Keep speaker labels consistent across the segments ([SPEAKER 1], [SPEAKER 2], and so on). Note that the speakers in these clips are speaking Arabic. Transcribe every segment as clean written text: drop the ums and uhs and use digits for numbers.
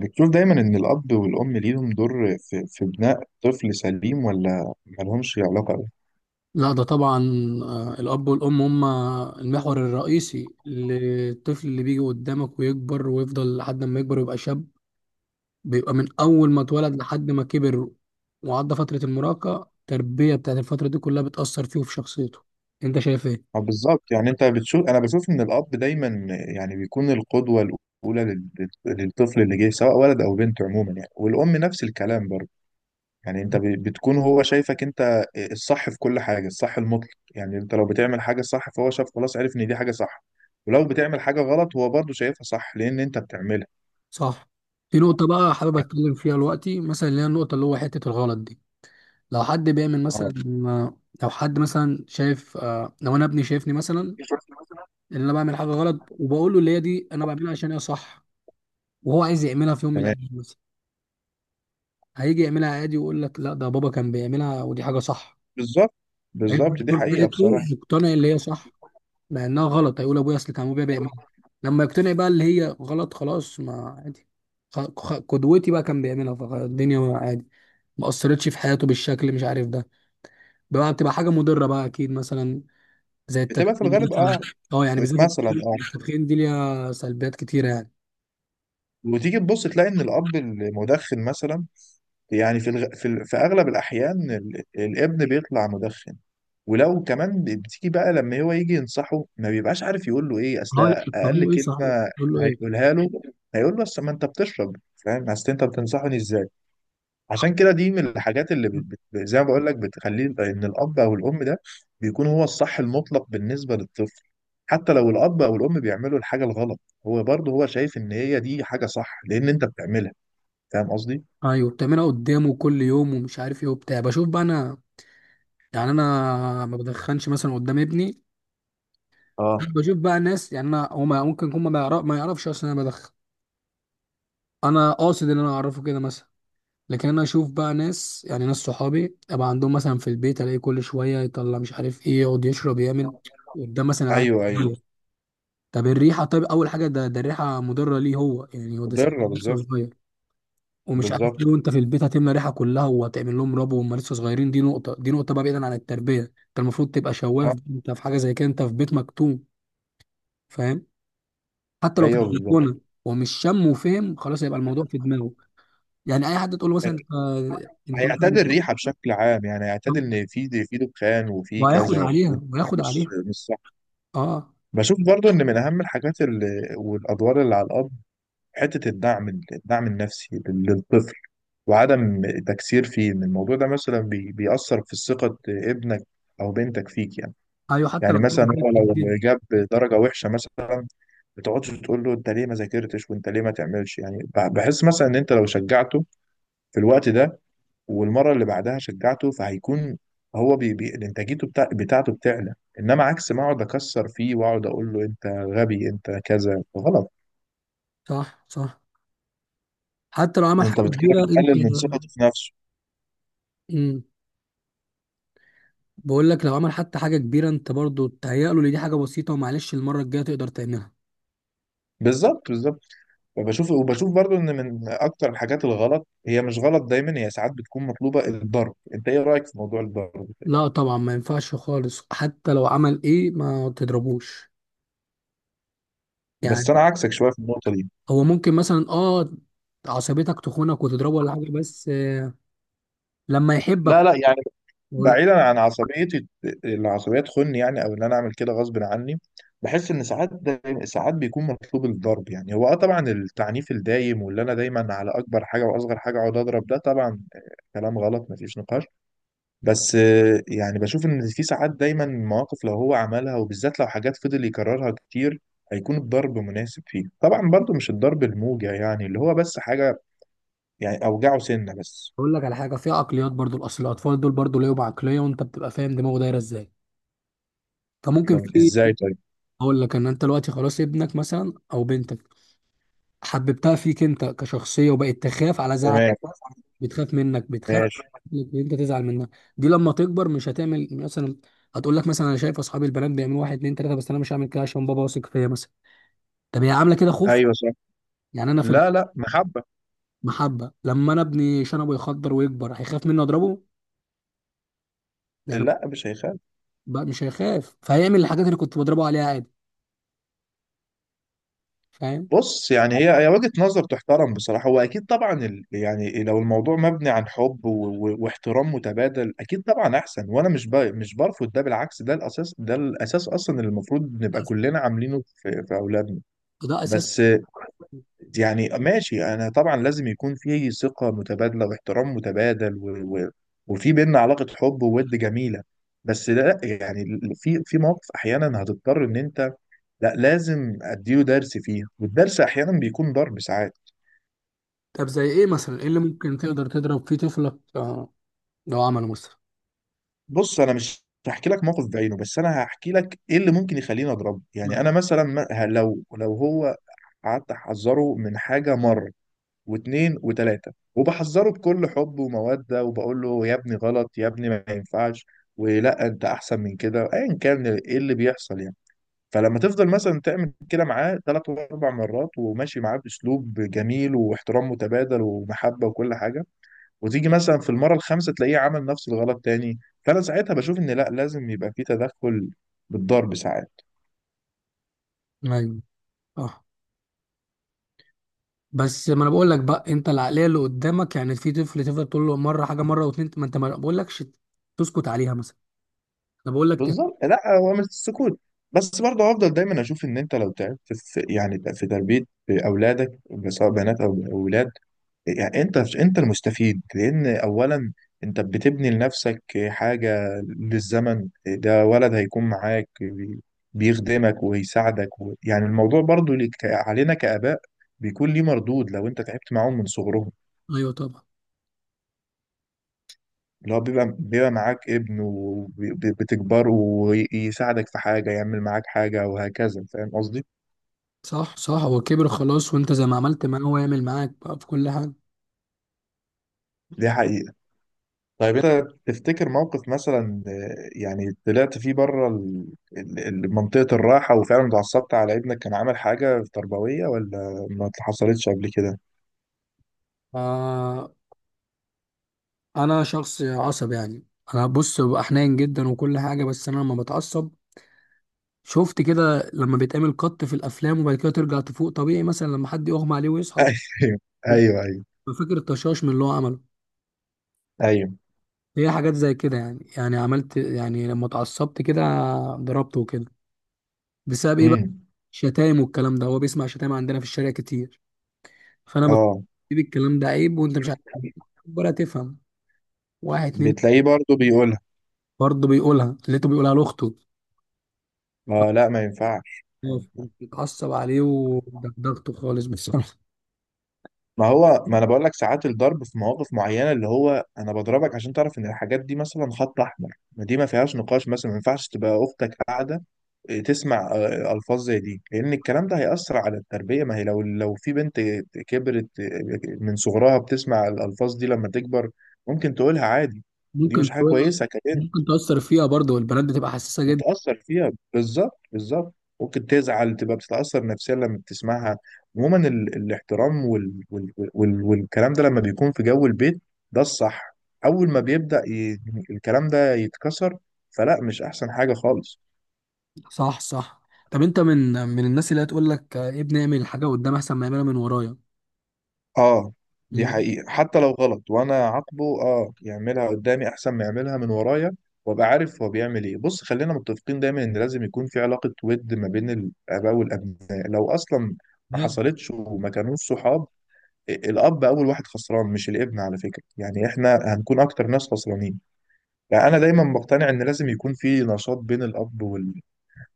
[SPEAKER 1] بتشوف دايما إن الأب والأم ليهم دور في بناء طفل سليم ولا ملهمش علاقة أوي؟
[SPEAKER 2] لا، ده طبعا. الأب والأم هم المحور الرئيسي للطفل اللي بيجي قدامك ويكبر ويفضل لحد ما يكبر ويبقى شاب. بيبقى من أول ما اتولد لحد ما كبر وعدى فترة المراهقة. التربية بتاعت الفترة دي كلها بتأثر فيه وفي شخصيته. أنت شايف إيه؟
[SPEAKER 1] آه، بالظبط. يعني أنت بتشوف، أنا بشوف إن الأب دايما يعني بيكون القدوة الأولى للطفل اللي جاي، سواء ولد أو بنت، عموما يعني، والأم نفس الكلام برضه. يعني أنت بتكون هو شايفك أنت الصح في كل حاجة، الصح المطلق. يعني أنت لو بتعمل حاجة صح فهو شاف، خلاص، عرف إن دي حاجة صح. ولو بتعمل حاجة غلط هو برضه شايفها صح لأن أنت بتعملها.
[SPEAKER 2] صح. في نقطة بقى حابب أتكلم فيها دلوقتي، مثلا اللي هي النقطة اللي هو حتة الغلط دي. لو حد بيعمل مثلا،
[SPEAKER 1] آه.
[SPEAKER 2] لو حد مثلا شايف لو أنا ابني شايفني مثلا إن أنا بعمل حاجة غلط وبقول له اللي هي دي أنا بعملها عشان هي صح، وهو عايز يعملها في يوم من
[SPEAKER 1] تمام.
[SPEAKER 2] الايام مثلا. هيجي يعملها عادي ويقول لك لا، ده بابا كان بيعملها ودي حاجه صح.
[SPEAKER 1] بالظبط.
[SPEAKER 2] هيجي
[SPEAKER 1] بالظبط، دي
[SPEAKER 2] الدكتور
[SPEAKER 1] حقيقة
[SPEAKER 2] قالته
[SPEAKER 1] بصراحة.
[SPEAKER 2] يقتنع اللي هي صح لانها غلط، هيقول ابويا اصل كان ابويا بيعملها. لما يقتنع بقى اللي هي غلط خلاص ما عادي، قدوتي بقى كان بيعملها فالدنيا عادي. ما اثرتش في حياته بالشكل، مش عارف ده بقى بتبقى حاجه مضره بقى، اكيد مثلا زي
[SPEAKER 1] بتبقى في
[SPEAKER 2] التدخين
[SPEAKER 1] الغالب،
[SPEAKER 2] مثلا.
[SPEAKER 1] اه.
[SPEAKER 2] اه، يعني بالذات
[SPEAKER 1] مثلا،
[SPEAKER 2] التدخين،
[SPEAKER 1] اه.
[SPEAKER 2] التدخين دي ليها سلبيات كتيره يعني.
[SPEAKER 1] وتيجي تبص تلاقي ان الاب المدخن مثلا، يعني في اغلب الاحيان الابن بيطلع مدخن. ولو كمان بتيجي بقى لما هو يجي ينصحه ما بيبقاش عارف يقول له ايه. اصل
[SPEAKER 2] هاي بتقول
[SPEAKER 1] اقل
[SPEAKER 2] له ايه؟ صحيح
[SPEAKER 1] كلمة
[SPEAKER 2] بتقول له ايه؟
[SPEAKER 1] هيقولها له، هيقول له اصل ما انت بتشرب، فاهم؟ اصل انت بتنصحني ازاي؟ عشان كده دي من الحاجات اللي زي ما بقول لك، بتخليه ان الاب او الام ده بيكون هو الصح المطلق بالنسبه للطفل. حتى لو الاب او الام بيعملوا الحاجه الغلط، هو برضه شايف ان هي دي حاجه صح لان انت بتعملها. فاهم قصدي؟
[SPEAKER 2] ايوه، بتعملها قدامه كل يوم ومش عارف ايه وبتاع. بشوف بقى انا، يعني انا ما بدخنش مثلا قدام ابني.
[SPEAKER 1] اه.
[SPEAKER 2] بشوف بقى ناس، يعني انا هو ممكن يكون ما يعرفش اصلا انا بدخن. انا قاصد ان انا اعرفه كده مثلا. لكن انا اشوف بقى ناس، يعني ناس صحابي ابقى عندهم مثلا في البيت الاقي كل شويه يطلع مش عارف ايه يقعد يشرب يعمل قدام مثلا عيال
[SPEAKER 1] ايوه، ايوه،
[SPEAKER 2] كتير. طب الريحه، طيب اول حاجه ده الريحه مضره ليه؟ هو يعني هو ده سن
[SPEAKER 1] مضره
[SPEAKER 2] لسه
[SPEAKER 1] بالظبط.
[SPEAKER 2] صغير ومش عارف
[SPEAKER 1] بالظبط.
[SPEAKER 2] ليه، وانت في البيت هتملى ريحه كلها وهتعمل لهم ربو وهم لسه صغيرين. دي نقطه، دي نقطه بقى بعيدا عن التربيه. انت المفروض تبقى شواف.
[SPEAKER 1] اه.
[SPEAKER 2] انت في حاجه زي كده، انت في بيت مكتوم، فاهم؟ حتى لو في
[SPEAKER 1] ايوه، بالظبط.
[SPEAKER 2] البلكونه. ومش شم وفهم خلاص هيبقى الموضوع في دماغه. يعني اي حد تقول له مثلا
[SPEAKER 1] آه،
[SPEAKER 2] انت، انت
[SPEAKER 1] هيعتاد
[SPEAKER 2] مثلا-
[SPEAKER 1] الريحه بشكل عام. يعني هيعتاد ان في دخان وفي
[SPEAKER 2] وهياخد
[SPEAKER 1] كذا،
[SPEAKER 2] عليها
[SPEAKER 1] ودي
[SPEAKER 2] وهياخد
[SPEAKER 1] مش
[SPEAKER 2] عليها.
[SPEAKER 1] مش صح.
[SPEAKER 2] اه.
[SPEAKER 1] بشوف برضو ان من اهم الحاجات اللي والادوار اللي على الاب، حتة الدعم النفسي للطفل وعدم تكسير فيه. إن الموضوع ده مثلا بيأثر في ثقة ابنك أو بنتك فيك، يعني.
[SPEAKER 2] ايوه، حتى لو
[SPEAKER 1] يعني
[SPEAKER 2] عمل
[SPEAKER 1] مثلا
[SPEAKER 2] حاجه
[SPEAKER 1] هو لو
[SPEAKER 2] كبيره.
[SPEAKER 1] جاب درجة وحشة مثلا، ما تقعدش تقول له انت ليه ما ذاكرتش وانت ليه ما تعملش. يعني بحس مثلا ان انت لو شجعته في الوقت ده والمره اللي بعدها شجعته، فهيكون هو بي بي انتاجيته بتاعته بتعلى. انما عكس، ما اقعد اكسر فيه واقعد اقول له انت غبي، انت كذا غلط،
[SPEAKER 2] صح صح، حتى لو عمل حاجه
[SPEAKER 1] انت كده
[SPEAKER 2] كبيره انت
[SPEAKER 1] بتقلل من ثقته في نفسه.
[SPEAKER 2] امم بقول لك لو عمل حتى حاجه كبيره انت برضو تهيأ له ان دي حاجه بسيطه ومعلش المره الجايه تقدر تعملها.
[SPEAKER 1] بالظبط، بالظبط. وبشوف برضو ان من اكتر الحاجات الغلط، هي مش غلط دايما، هي ساعات بتكون مطلوبه، الضرب. انت ايه رايك في موضوع الضرب ده؟
[SPEAKER 2] لا طبعا ما ينفعش خالص حتى لو عمل ايه ما تضربوش
[SPEAKER 1] بس انا
[SPEAKER 2] يعني.
[SPEAKER 1] عكسك شويه في النقطه دي.
[SPEAKER 2] هو ممكن مثلا عصبيتك تخونك وتضربه ولا حاجه، بس لما يحبك.
[SPEAKER 1] لا، لا، يعني
[SPEAKER 2] اقول
[SPEAKER 1] بعيدا عن عصبيتي، العصبيه تخني يعني او ان انا اعمل كده غصب عني، بحس ان ساعات دايما، ساعات بيكون مطلوب الضرب. يعني هو طبعا التعنيف الدايم واللي انا دايما على اكبر حاجه واصغر حاجه اقعد اضرب، ده طبعا كلام غلط، مفيش نقاش. بس يعني بشوف ان في ساعات دايما مواقف لو هو عملها، وبالذات لو حاجات فضل يكررها كتير، هيكون الضرب مناسب فيه. طبعا برضو مش الضرب الموجع، يعني اللي هو بس حاجة يعني اوجعه سنة بس.
[SPEAKER 2] أقول لك على حاجه. في عقليات برضو، الاصل الاطفال دول برضو ليهم عقليه، وانت بتبقى فاهم دماغه دايره ازاي. فممكن في
[SPEAKER 1] ازاي طيب؟
[SPEAKER 2] اقول لك ان انت دلوقتي خلاص ابنك مثلا او بنتك حببتها فيك انت كشخصيه وبقت تخاف على زعل.
[SPEAKER 1] تمام.
[SPEAKER 2] بتخاف منك، بتخاف
[SPEAKER 1] ماشي.
[SPEAKER 2] إنك انت تزعل منها. دي لما تكبر مش هتعمل مثلا، هتقول لك مثلا انا شايف اصحابي البنات بيعملوا واحد اتنين تلاته بس انا مش هعمل كده عشان بابا واثق فيا مثلا. طب هي عامله كده خوف؟
[SPEAKER 1] ايوه، صح.
[SPEAKER 2] يعني انا في
[SPEAKER 1] لا، لا، محبة.
[SPEAKER 2] المحبه. لما انا ابني شنبه يخضر ويكبر هيخاف مني اضربه؟ يعني
[SPEAKER 1] لا، مش هيخاف.
[SPEAKER 2] بقى مش هيخاف، فهيعمل الحاجات اللي كنت بضربه عليها عادي، فاهم؟
[SPEAKER 1] بص، يعني هي وجهة نظر تحترم بصراحة. هو أكيد طبعا يعني لو الموضوع مبني عن حب واحترام متبادل، أكيد طبعا أحسن. وأنا مش برفض ده، بالعكس، ده الأساس، ده الأساس أصلا اللي المفروض نبقى كلنا عاملينه في أولادنا.
[SPEAKER 2] ده اساس.
[SPEAKER 1] بس يعني ماشي، أنا طبعا لازم يكون في ثقة متبادلة واحترام متبادل وفي بينا علاقة حب وود جميلة. بس لا، يعني في مواقف احيانا هتضطر ان انت، لا، لازم اديله درس فيها، والدرس احيانا بيكون ضرب ساعات.
[SPEAKER 2] طب زي ايه مثلا، ايه اللي ممكن تقدر تضرب فيه طفلك؟ لو عمله مثلا.
[SPEAKER 1] بص، انا مش هحكي لك موقف بعينه، بس انا هحكي لك ايه اللي ممكن يخليني اضربه. يعني انا مثلا لو هو قعدت احذره من حاجه مره واثنين وثلاثه، وبحذره بكل حب وموده، وبقول له يا ابني غلط، يا ابني ما ينفعش، ولا انت احسن من كده، ايا كان ايه اللي بيحصل يعني، فلما تفضل مثلا تعمل كده معاه ثلاث واربع مرات، وماشي معاه باسلوب جميل واحترام متبادل ومحبه وكل حاجه، وتيجي مثلا في المره الخامسه تلاقيه عمل نفس الغلط تاني، فانا ساعتها بشوف ان لا، لازم يبقى في تدخل بالضرب ساعات.
[SPEAKER 2] ايوه صح. بس ما انا بقول لك بقى انت العقليه اللي قدامك، يعني في طفل تفضل تقول له مره حاجه مره واتنين، ما انت ما بقول لكش تسكت عليها مثلا. انا بقول لك
[SPEAKER 1] بالظبط. لا، هو مش السكوت، بس برضه هفضل دايما اشوف ان انت لو تعبت في، يعني في تربيه اولادك، سواء بنات او اولاد، يعني انت المستفيد. لان اولا انت بتبني لنفسك حاجه للزمن، ده ولد هيكون معاك بيخدمك ويساعدك، يعني الموضوع برضو علينا كآباء بيكون ليه مردود لو انت تعبت معاهم من صغرهم،
[SPEAKER 2] ايوه طبعا.
[SPEAKER 1] اللي هو بيبقى معاك ابن وبتكبره ويساعدك في حاجه، يعمل معاك حاجه وهكذا. فاهم قصدي؟
[SPEAKER 2] صح صح، هو كبر خلاص وانت زي ما عملت معاه هو يعمل معاك بقى في كل حاجه.
[SPEAKER 1] دي حقيقة. طيب انت تفتكر موقف مثلا، يعني طلعت فيه بره منطقة الراحة، وفعلا اتعصبت على ابنك كان عامل حاجة تربوية، ولا ما حصلتش قبل كده؟
[SPEAKER 2] آه، انا شخص عصب يعني. انا بص ببقى حنين جدا وكل حاجه، بس انا لما بتعصب شفت كده لما بيتعمل قط في الافلام وبعد كده ترجع تفوق طبيعي مثلا لما حد يغمى عليه ويصحى.
[SPEAKER 1] ايوه، ايوه، ايوه.
[SPEAKER 2] فاكر الطشاش من اللي هو عمله.
[SPEAKER 1] ايوه.
[SPEAKER 2] هي حاجات زي كده عملت يعني، لما اتعصبت كده ضربته وكده. بسبب ايه بقى؟
[SPEAKER 1] امم.
[SPEAKER 2] شتايم والكلام ده. هو بيسمع شتايم عندنا في الشارع كتير، فانا بفكر
[SPEAKER 1] اه.
[SPEAKER 2] الكلام ده عيب وانت مش عارف ولا تفهم. واحد اتنين
[SPEAKER 1] بتلاقيه برضه بيقولها.
[SPEAKER 2] برضه بيقولها، لقيته بيقولها لاخته.
[SPEAKER 1] اه، لا، ما ينفعش.
[SPEAKER 2] خلاص اتعصب عليه ودغدغته خالص بصراحه.
[SPEAKER 1] ما هو ما انا بقول لك ساعات الضرب في مواقف معينه، اللي هو انا بضربك عشان تعرف ان الحاجات دي مثلا خط احمر. ما دي ما فيهاش نقاش. مثلا ما ينفعش تبقى اختك قاعده تسمع الفاظ زي دي. لان الكلام ده هيأثر على التربيه. ما هي لو في بنت كبرت من صغرها بتسمع الالفاظ دي، لما تكبر ممكن تقولها عادي، ودي مش
[SPEAKER 2] ممكن
[SPEAKER 1] حاجه
[SPEAKER 2] تقول-
[SPEAKER 1] كويسه.
[SPEAKER 2] ممكن تأثر فيها برضه والبنات بتبقى حساسة جدا.
[SPEAKER 1] متأثر فيها، بالظبط، بالظبط. ممكن تزعل، تبقى بتتأثر نفسيا لما بتسمعها. عموما الاحترام والكلام ده لما بيكون في جو البيت، ده الصح. أول ما بيبدأ الكلام ده يتكسر، فلا، مش أحسن حاجة خالص.
[SPEAKER 2] صح صح. طب انت من الناس اللي هتقول لك ابني اعمل الحاجة قدام احسن ما يعملها من ورايا؟
[SPEAKER 1] اه، دي
[SPEAKER 2] من-
[SPEAKER 1] حقيقة. حتى لو غلط وانا عاقبه، يعملها قدامي احسن ما يعملها من ورايا، وابقى عارف هو بيعمل ايه. بص خلينا متفقين دايما ان لازم يكون في علاقة ود ما بين الاباء والابناء، لو اصلا ما حصلتش وما كانوش صحاب، الاب اول واحد خسران، مش الابن، على فكره. يعني احنا هنكون اكتر ناس خسرانين. فانا دايما بقتنع ان لازم يكون في نشاط بين الاب وال...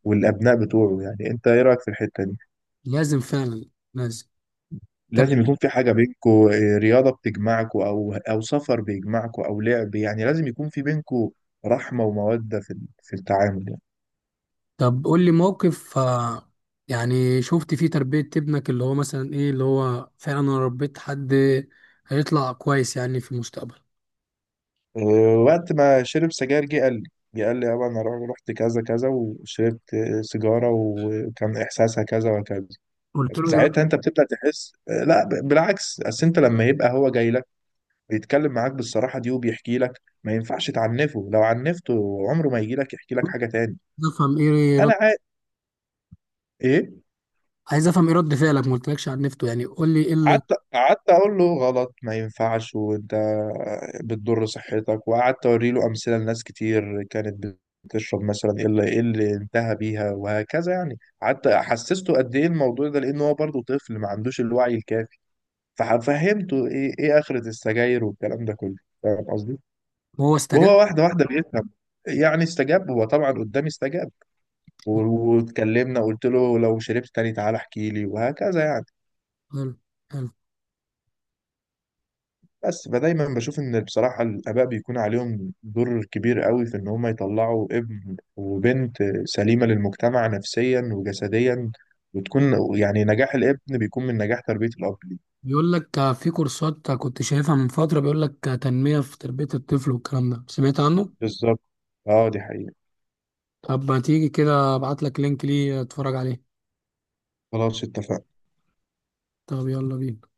[SPEAKER 1] والابناء بتوعه. يعني انت ايه رايك في الحته دي؟
[SPEAKER 2] لازم فعلا، لازم. طب
[SPEAKER 1] لازم يكون في حاجه بينكو، رياضه بتجمعكو او سفر بيجمعكو او لعب. يعني لازم يكون في بينكو رحمه وموده في التعامل يعني.
[SPEAKER 2] طب قول لي موقف يعني شفت فيه تربية ابنك اللي هو مثلا ايه اللي هو فعلا انا ربيت حد هيطلع كويس يعني في المستقبل.
[SPEAKER 1] أه، وقت ما شرب سجاير جه قال لي يابا انا رحت كذا كذا وشربت سيجاره، وكان احساسها كذا وكذا.
[SPEAKER 2] قلت له ايه بقى؟
[SPEAKER 1] ساعتها انت بتبدا تحس، لا، بالعكس. اصل انت لما يبقى هو جاي لك بيتكلم معاك بالصراحه دي، وبيحكي لك، ما ينفعش تعنفه. لو عنفته عمره ما يجي لك يحكي لك حاجه تاني.
[SPEAKER 2] عايز افهم ايه رد
[SPEAKER 1] انا عا... ايه؟
[SPEAKER 2] عايز افهم ايه رد فعلك ما قلتلكش عن نفته، يعني قول لي ايه اللي
[SPEAKER 1] قعدت اقول له غلط، ما ينفعش، وانت بتضر صحتك، وقعدت اوري له امثله لناس كتير كانت بتشرب مثلا، ايه اللي انتهى بيها وهكذا. يعني قعدت حسسته قد ايه الموضوع ده، لان هو برضه طفل ما عندوش الوعي الكافي، ففهمته ايه اخرة السجاير والكلام ده كله. فاهم قصدي؟
[SPEAKER 2] هو استجاب.
[SPEAKER 1] وهو واحدة واحدة بيفهم، يعني استجاب. هو طبعا قدامي استجاب، واتكلمنا. قلت له لو شربت تاني تعالى احكي لي وهكذا يعني.
[SPEAKER 2] حلو حلو.
[SPEAKER 1] بس فدايما بشوف ان بصراحة الآباء بيكون عليهم دور كبير قوي في ان هم يطلعوا ابن وبنت سليمة للمجتمع نفسيا وجسديا، وتكون، يعني نجاح الابن بيكون من نجاح تربية الأب ليه.
[SPEAKER 2] بيقول لك في كورسات كنت شايفها من فترة، بيقول لك تنمية في تربية الطفل والكلام ده سمعت عنه.
[SPEAKER 1] بالظبط. اه، دي حقيقة.
[SPEAKER 2] طب ما تيجي كده ابعت لك لينك ليه اتفرج عليه.
[SPEAKER 1] خلاص، اتفقنا.
[SPEAKER 2] طب يلا بينا.